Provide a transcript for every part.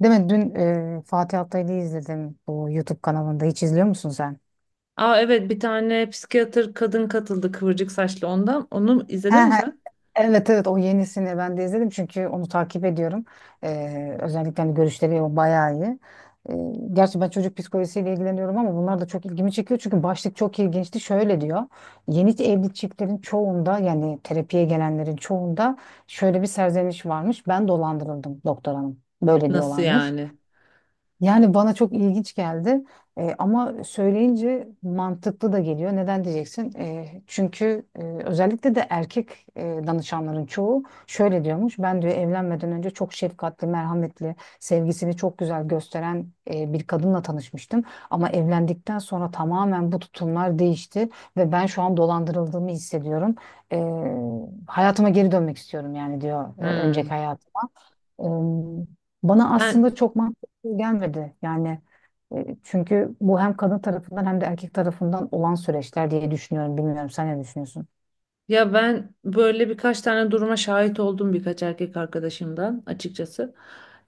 Değil mi? Dün Fatih Altaylı'yı izledim bu YouTube kanalında. Hiç izliyor musun sen? Aa evet, bir tane psikiyatr kadın katıldı kıvırcık saçlı ondan. Onu He izledin mi he. sen? Evet evet, o yenisini ben de izledim çünkü onu takip ediyorum. Özellikle hani görüşleri o bayağı iyi. E, Gerçi ben çocuk psikolojisiyle ilgileniyorum ama bunlar da çok ilgimi çekiyor. Çünkü başlık çok ilginçti. Şöyle diyor. Yeni evli çiftlerin çoğunda yani terapiye gelenlerin çoğunda şöyle bir serzeniş varmış. Ben dolandırıldım doktor hanım. Böyle Nasıl diyorlarmış. yani? Yani bana çok ilginç geldi. Ama söyleyince mantıklı da geliyor. Neden diyeceksin? Çünkü özellikle de erkek danışanların çoğu şöyle diyormuş. Ben diyor evlenmeden önce çok şefkatli, merhametli, sevgisini çok güzel gösteren bir kadınla tanışmıştım. Ama evlendikten sonra tamamen bu tutumlar değişti ve ben şu an dolandırıldığımı hissediyorum. E, Hayatıma geri dönmek istiyorum yani diyor, önceki Hmm. hayat. Em, Bana Ben aslında çok mantıklı gelmedi. Yani çünkü bu hem kadın tarafından hem de erkek tarafından olan süreçler diye düşünüyorum. Bilmiyorum, sen ne düşünüyorsun? ya ben böyle birkaç tane duruma şahit oldum, birkaç erkek arkadaşımdan açıkçası.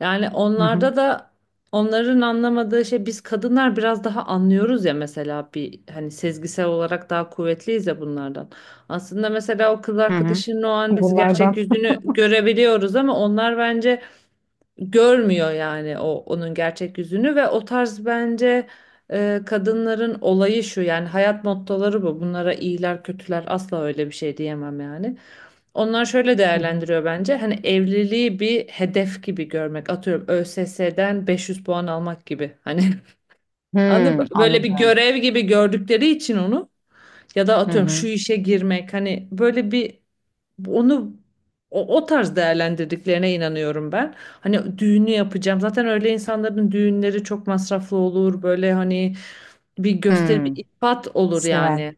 Yani Hı hı. onlarda da, onların anlamadığı şey, biz kadınlar biraz daha anlıyoruz ya. Mesela bir hani sezgisel olarak daha kuvvetliyiz ya bunlardan. Aslında mesela o kız Hı hı. arkadaşının o an biz gerçek Bunlardan. yüzünü görebiliyoruz, ama onlar bence görmüyor yani, o onun gerçek yüzünü. Ve o tarz bence kadınların olayı şu, yani hayat mottoları bu. Bunlara iyiler kötüler asla öyle bir şey diyemem yani. Onlar şöyle Hı hı. değerlendiriyor bence. Hani evliliği bir hedef gibi görmek. Atıyorum ÖSS'den 500 puan almak gibi. Hani anladın mı? Hmm, Böyle bir anladım. görev gibi gördükleri için onu, ya da Hı atıyorum şu hı. işe girmek hani, böyle bir onu, o tarz değerlendirdiklerine inanıyorum ben. Hani düğünü yapacağım. Zaten öyle insanların düğünleri çok masraflı olur. Böyle hani bir gösteri, bir Hmm. ifat olur Sever. yani.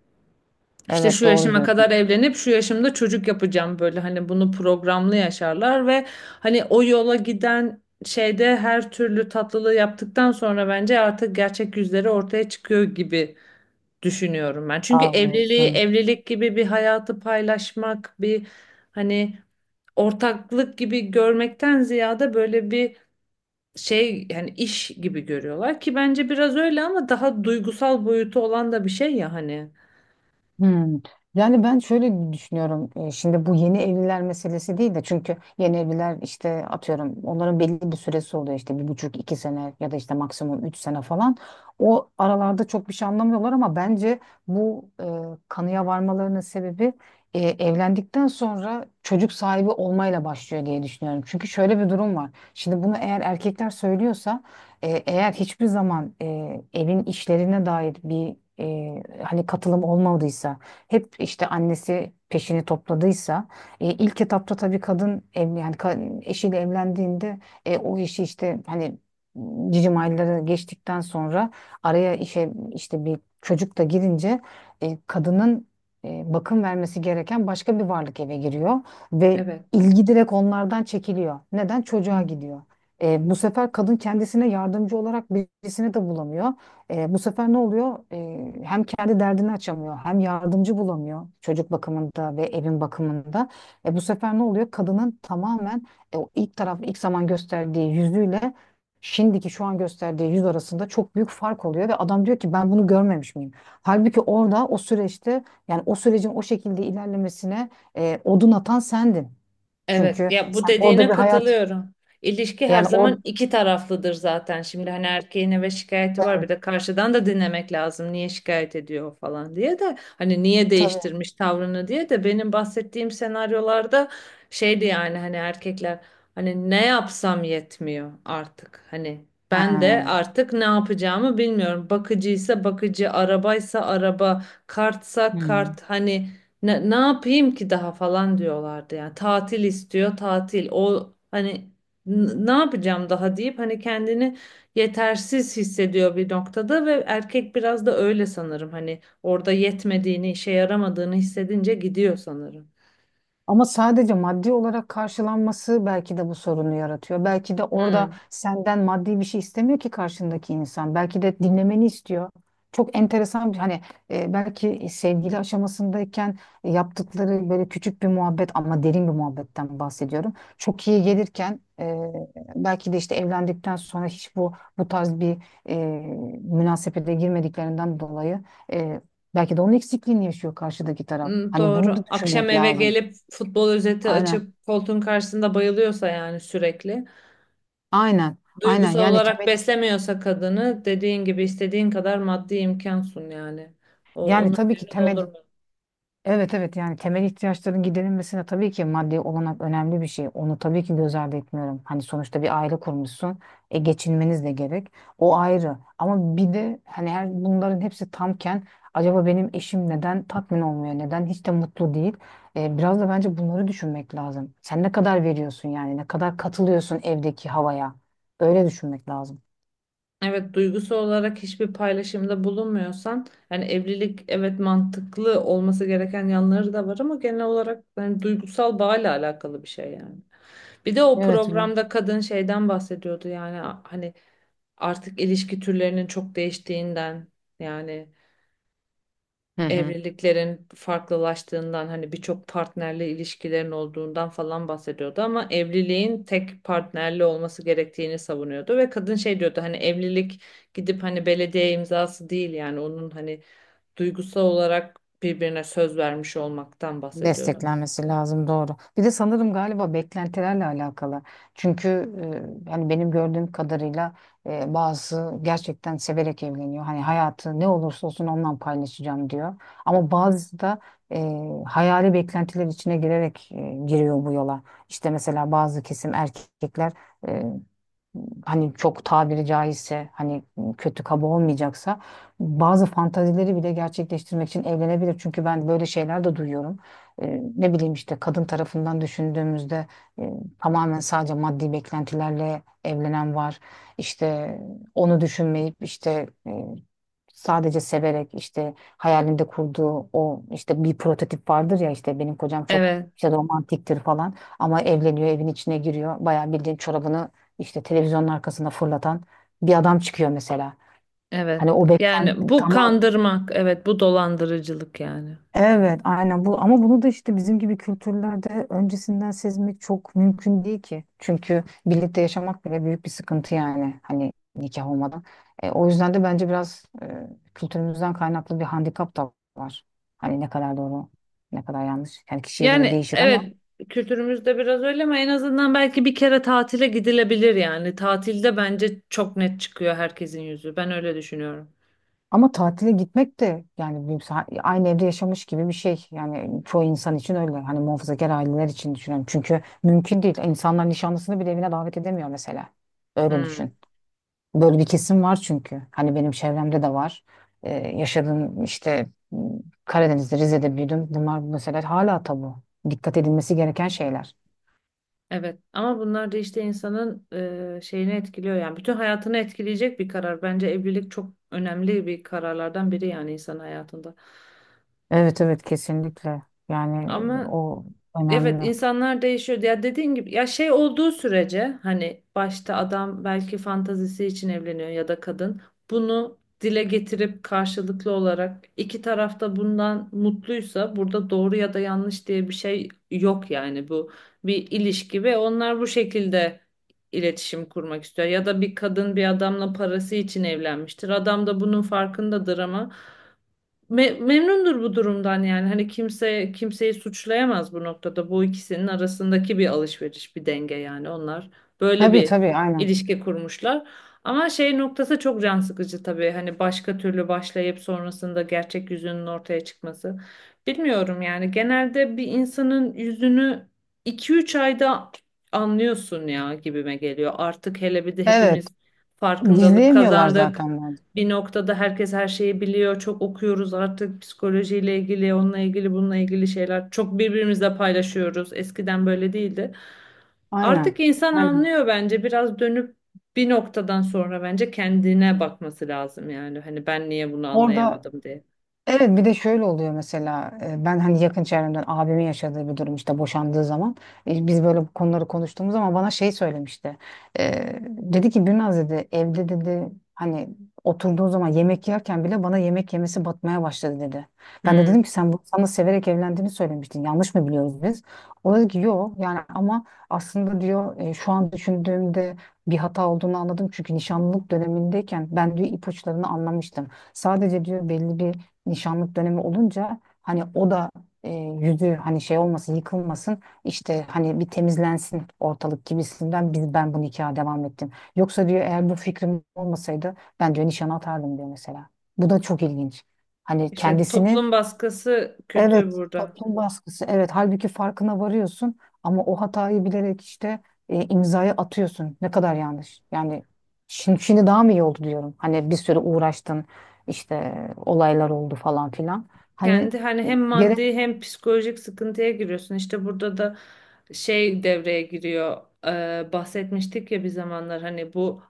İşte Evet, şu doğru yaşıma kadar diyorsun. evlenip şu yaşımda çocuk yapacağım, böyle hani bunu programlı yaşarlar. Ve hani o yola giden şeyde her türlü tatlılığı yaptıktan sonra bence artık gerçek yüzleri ortaya çıkıyor gibi düşünüyorum ben. Çünkü Sağ evliliği, olasın. evlilik gibi bir hayatı paylaşmak, bir hani ortaklık gibi görmekten ziyade, böyle bir şey yani, iş gibi görüyorlar ki bence biraz öyle, ama daha duygusal boyutu olan da bir şey ya hani. Hmm. Yani ben şöyle düşünüyorum. Şimdi bu yeni evliler meselesi değil de, çünkü yeni evliler işte atıyorum onların belli bir süresi oluyor, işte bir buçuk iki sene ya da işte maksimum üç sene falan. O aralarda çok bir şey anlamıyorlar ama bence bu kanıya varmalarının sebebi evlendikten sonra çocuk sahibi olmayla başlıyor diye düşünüyorum. Çünkü şöyle bir durum var. Şimdi bunu eğer erkekler söylüyorsa eğer hiçbir zaman evin işlerine dair bir hani katılım olmadıysa, hep işte annesi peşini topladıysa, ilk etapta tabii kadın ev, yani eşiyle evlendiğinde o işi işte hani cicim ayları geçtikten sonra araya işe işte bir çocuk da girince kadının bakım vermesi gereken başka bir varlık eve giriyor ve Evet. ilgi direkt onlardan çekiliyor. Neden? Çocuğa Hı. gidiyor. Bu sefer kadın kendisine yardımcı olarak birisini de bulamıyor. Bu sefer ne oluyor? Hem kendi derdini açamıyor, hem yardımcı bulamıyor çocuk bakımında ve evin bakımında. Bu sefer ne oluyor? Kadının tamamen o ilk taraf, ilk zaman gösterdiği yüzüyle şimdiki şu an gösterdiği yüz arasında çok büyük fark oluyor ve adam diyor ki ben bunu görmemiş miyim? Halbuki orada o süreçte yani o sürecin o şekilde ilerlemesine odun atan sendin. Evet, Çünkü ya bu sen orada dediğine bir hayat katılıyorum. İlişki her yani orada. zaman iki taraflıdır zaten. Şimdi hani erkeğin eve şikayeti var, bir de karşıdan da dinlemek lazım. Niye şikayet ediyor o falan diye de, hani niye Tabii. değiştirmiş tavrını diye de, benim bahsettiğim senaryolarda şeydi yani, hani erkekler, hani ne yapsam yetmiyor artık. Hani Ha. ben de artık ne yapacağımı bilmiyorum. Bakıcıysa bakıcı, arabaysa araba, kartsa Hı. kart, hani ne, ne yapayım ki daha falan diyorlardı. Yani tatil istiyor tatil, o hani ne yapacağım daha deyip hani kendini yetersiz hissediyor bir noktada. Ve erkek biraz da öyle sanırım, hani orada yetmediğini, işe yaramadığını hissedince gidiyor sanırım. Ama sadece maddi olarak karşılanması belki de bu sorunu yaratıyor. Belki de orada Hmm. senden maddi bir şey istemiyor ki karşındaki insan. Belki de dinlemeni istiyor. Çok enteresan bir hani belki sevgili aşamasındayken yaptıkları böyle küçük bir muhabbet ama derin bir muhabbetten bahsediyorum. Çok iyi gelirken belki de işte evlendikten sonra hiç bu tarz bir e, münasebete girmediklerinden dolayı e, belki de onun eksikliğini yaşıyor karşıdaki taraf. Hmm, Hani bunu doğru. da Akşam düşünmek eve lazım. gelip futbol özeti Aynen. açıp koltuğun karşısında bayılıyorsa yani, sürekli. Aynen. Aynen. Duygusal Yani olarak temel, beslemiyorsa kadını, dediğin gibi istediğin kadar maddi imkan sun yani. O, yani onun tabii ki yerini temel, doldurmuyor. evet evet, yani temel ihtiyaçların giderilmesine tabii ki maddi olanak önemli bir şey. Onu tabii ki göz ardı etmiyorum. Hani sonuçta bir aile kurmuşsun. E geçinmeniz de gerek. O ayrı. Ama bir de hani her bunların hepsi tamken acaba benim eşim neden tatmin olmuyor? Neden hiç de mutlu değil? Biraz da bence bunları düşünmek lazım. Sen ne kadar veriyorsun yani? Ne kadar katılıyorsun evdeki havaya? Öyle düşünmek lazım. Evet, duygusu olarak hiçbir paylaşımda bulunmuyorsan yani evlilik, evet mantıklı olması gereken yanları da var, ama genel olarak yani duygusal bağla alakalı bir şey yani. Bir de o Evet. programda kadın şeyden bahsediyordu yani, hani artık ilişki türlerinin çok değiştiğinden, yani Hı hı. evliliklerin farklılaştığından, hani birçok partnerli ilişkilerin olduğundan falan bahsediyordu. Ama evliliğin tek partnerli olması gerektiğini savunuyordu ve kadın şey diyordu, hani evlilik gidip hani belediye imzası değil yani, onun hani duygusal olarak birbirine söz vermiş olmaktan bahsediyordu. Desteklenmesi lazım, doğru. Bir de sanırım galiba beklentilerle alakalı. Çünkü hani benim gördüğüm kadarıyla bazı gerçekten severek evleniyor. Hani hayatı ne olursa olsun ondan paylaşacağım diyor. Ama bazı da e, hayali beklentiler içine girerek giriyor bu yola. İşte mesela bazı kesim erkekler hani çok tabiri caizse hani kötü kaba olmayacaksa bazı fantazileri bile gerçekleştirmek için evlenebilir. Çünkü ben böyle şeyler de duyuyorum. Ne bileyim işte kadın tarafından düşündüğümüzde e, tamamen sadece maddi beklentilerle evlenen var. İşte onu düşünmeyip işte sadece severek işte hayalinde kurduğu o işte bir prototip vardır ya, işte benim kocam çok Evet, işte romantiktir falan, ama evleniyor evin içine giriyor bayağı bildiğin çorabını işte televizyonun arkasına fırlatan bir adam çıkıyor mesela. evet. Hani o beklen, Yani bu tamam. kandırmak, evet bu dolandırıcılık yani. Evet, aynen bu, ama bunu da işte bizim gibi kültürlerde öncesinden sezmek çok mümkün değil ki. Çünkü birlikte yaşamak bile büyük bir sıkıntı yani hani nikah olmadan. O yüzden de bence biraz kültürümüzden kaynaklı bir handikap da var. Hani ne kadar doğru, ne kadar yanlış. Yani kişiye göre Yani değişir ama evet, kültürümüzde biraz öyle, ama en azından belki bir kere tatile gidilebilir yani. Tatilde bence çok net çıkıyor herkesin yüzü. Ben öyle düşünüyorum. ama tatile gitmek de yani büyük aynı evde yaşamış gibi bir şey. Yani çoğu insan için öyle. Hani muhafazakar aileler için düşünüyorum. Çünkü mümkün değil. İnsanlar nişanlısını bile evine davet edemiyor mesela. Öyle Hmm. düşün. Böyle bir kesim var çünkü. Hani benim çevremde de var. Yaşadığım işte Karadeniz'de, Rize'de büyüdüm. Bunlar mesela hala tabu. Dikkat edilmesi gereken şeyler. Evet, ama bunlar da işte insanın şeyini etkiliyor yani. Bütün hayatını etkileyecek bir karar. Bence evlilik çok önemli bir kararlardan biri yani insan hayatında. Evet evet, kesinlikle. Yani Ama o evet, önemli. insanlar değişiyor. Ya dediğin gibi, ya şey olduğu sürece, hani başta adam belki fantazisi için evleniyor ya da kadın, bunu dile getirip karşılıklı olarak iki taraf da bundan mutluysa, burada doğru ya da yanlış diye bir şey yok yani. Bu bir ilişki ve onlar bu şekilde iletişim kurmak istiyor. Ya da bir kadın bir adamla parası için evlenmiştir. Adam da bunun farkındadır, ama memnundur bu durumdan yani. Hani kimse kimseyi suçlayamaz bu noktada. Bu ikisinin arasındaki bir alışveriş, bir denge yani. Onlar böyle Tabii bir tabii, aynen. ilişki kurmuşlar. Ama şey noktası çok can sıkıcı tabii. Hani başka türlü başlayıp sonrasında gerçek yüzünün ortaya çıkması. Bilmiyorum yani. Genelde bir insanın yüzünü iki üç ayda anlıyorsun ya, gibime geliyor. Artık hele bir de Evet. hepimiz farkındalık Gizleyemiyorlar kazandık zaten bence. bir noktada, herkes her şeyi biliyor. Çok okuyoruz artık, psikolojiyle ilgili, onunla ilgili, bununla ilgili şeyler. Çok birbirimizle paylaşıyoruz. Eskiden böyle değildi. Aynen. Artık insan Aynen. anlıyor bence. Biraz dönüp bir noktadan sonra bence kendine bakması lazım yani. Hani ben niye bunu Orada, anlayamadım diye. evet, bir de şöyle oluyor mesela, ben hani yakın çevremden abimin yaşadığı bir durum, işte boşandığı zaman biz böyle bu konuları konuştuğumuz zaman bana şey söylemişti. E, Dedi ki Birnaz dedi, evde dedi hani oturduğu zaman yemek yerken bile bana yemek yemesi batmaya başladı dedi. Ben de dedim Hmm. ki sen bu sana severek evlendiğini söylemiştin, yanlış mı biliyoruz biz? O dedi ki yok yani, ama aslında diyor şu an düşündüğümde bir hata olduğunu anladım çünkü nişanlılık dönemindeyken ben diyor ipuçlarını anlamıştım. Sadece diyor belli bir nişanlık dönemi olunca hani o da yüzü hani şey olmasın yıkılmasın işte hani bir temizlensin ortalık gibisinden biz, ben bu nikaha devam ettim. Yoksa diyor eğer bu fikrim olmasaydı ben diyor nişan atardım diyor mesela. Bu da çok ilginç. Hani İşte kendisini. toplum baskısı kötü Evet, burada. toplum baskısı. Evet, halbuki farkına varıyorsun ama o hatayı bilerek işte imzayı atıyorsun. Ne kadar yanlış. Yani şimdi daha mı iyi oldu diyorum. Hani bir süre uğraştın, işte olaylar oldu falan filan. Hani Kendi hani hem gerek, maddi hem psikolojik sıkıntıya giriyorsun. İşte burada da şey devreye giriyor. Bahsetmiştik ya bir zamanlar, hani bu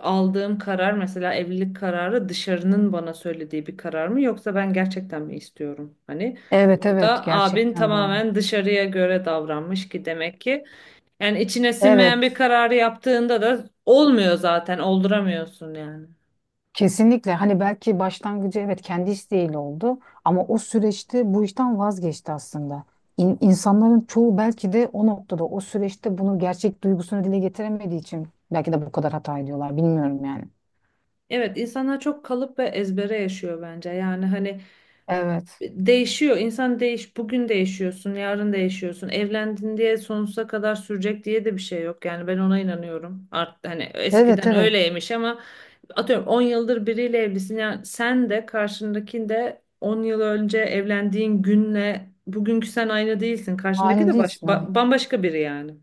aldığım karar mesela, evlilik kararı dışarının bana söylediği bir karar mı, yoksa ben gerçekten mi istiyorum? Hani evet evet, burada abin gerçekten doğru. tamamen dışarıya göre davranmış, ki demek ki yani içine sinmeyen bir Evet. kararı yaptığında da olmuyor, zaten olduramıyorsun yani. Kesinlikle hani belki başlangıcı evet kendi isteğiyle oldu ama o süreçte bu işten vazgeçti aslında. İnsanların çoğu belki de o noktada o süreçte bunu gerçek duygusunu dile getiremediği için belki de bu kadar hata ediyorlar, bilmiyorum yani. Evet, insanlar çok kalıp ve ezbere yaşıyor bence. Yani hani Evet. değişiyor. İnsan bugün değişiyorsun, yarın değişiyorsun. Evlendin diye sonsuza kadar sürecek diye de bir şey yok. Yani ben ona inanıyorum. Hani Evet eskiden evet. öyleymiş, ama atıyorum 10 yıldır biriyle evlisin. Yani sen de karşındaki de, 10 yıl önce evlendiğin günle bugünkü sen aynı değilsin. Karşındaki Aynı de değilsin. Evet bambaşka biri yani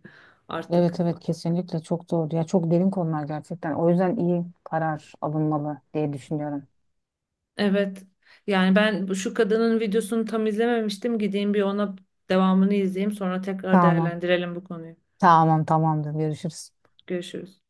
evet artık. evet, kesinlikle çok doğru. Ya çok derin konular gerçekten. O yüzden iyi karar alınmalı diye düşünüyorum. Evet. Yani ben şu kadının videosunu tam izlememiştim. Gideyim bir ona devamını izleyeyim. Sonra tekrar Tamam. değerlendirelim bu konuyu. Tamam tamamdır. Görüşürüz. Görüşürüz.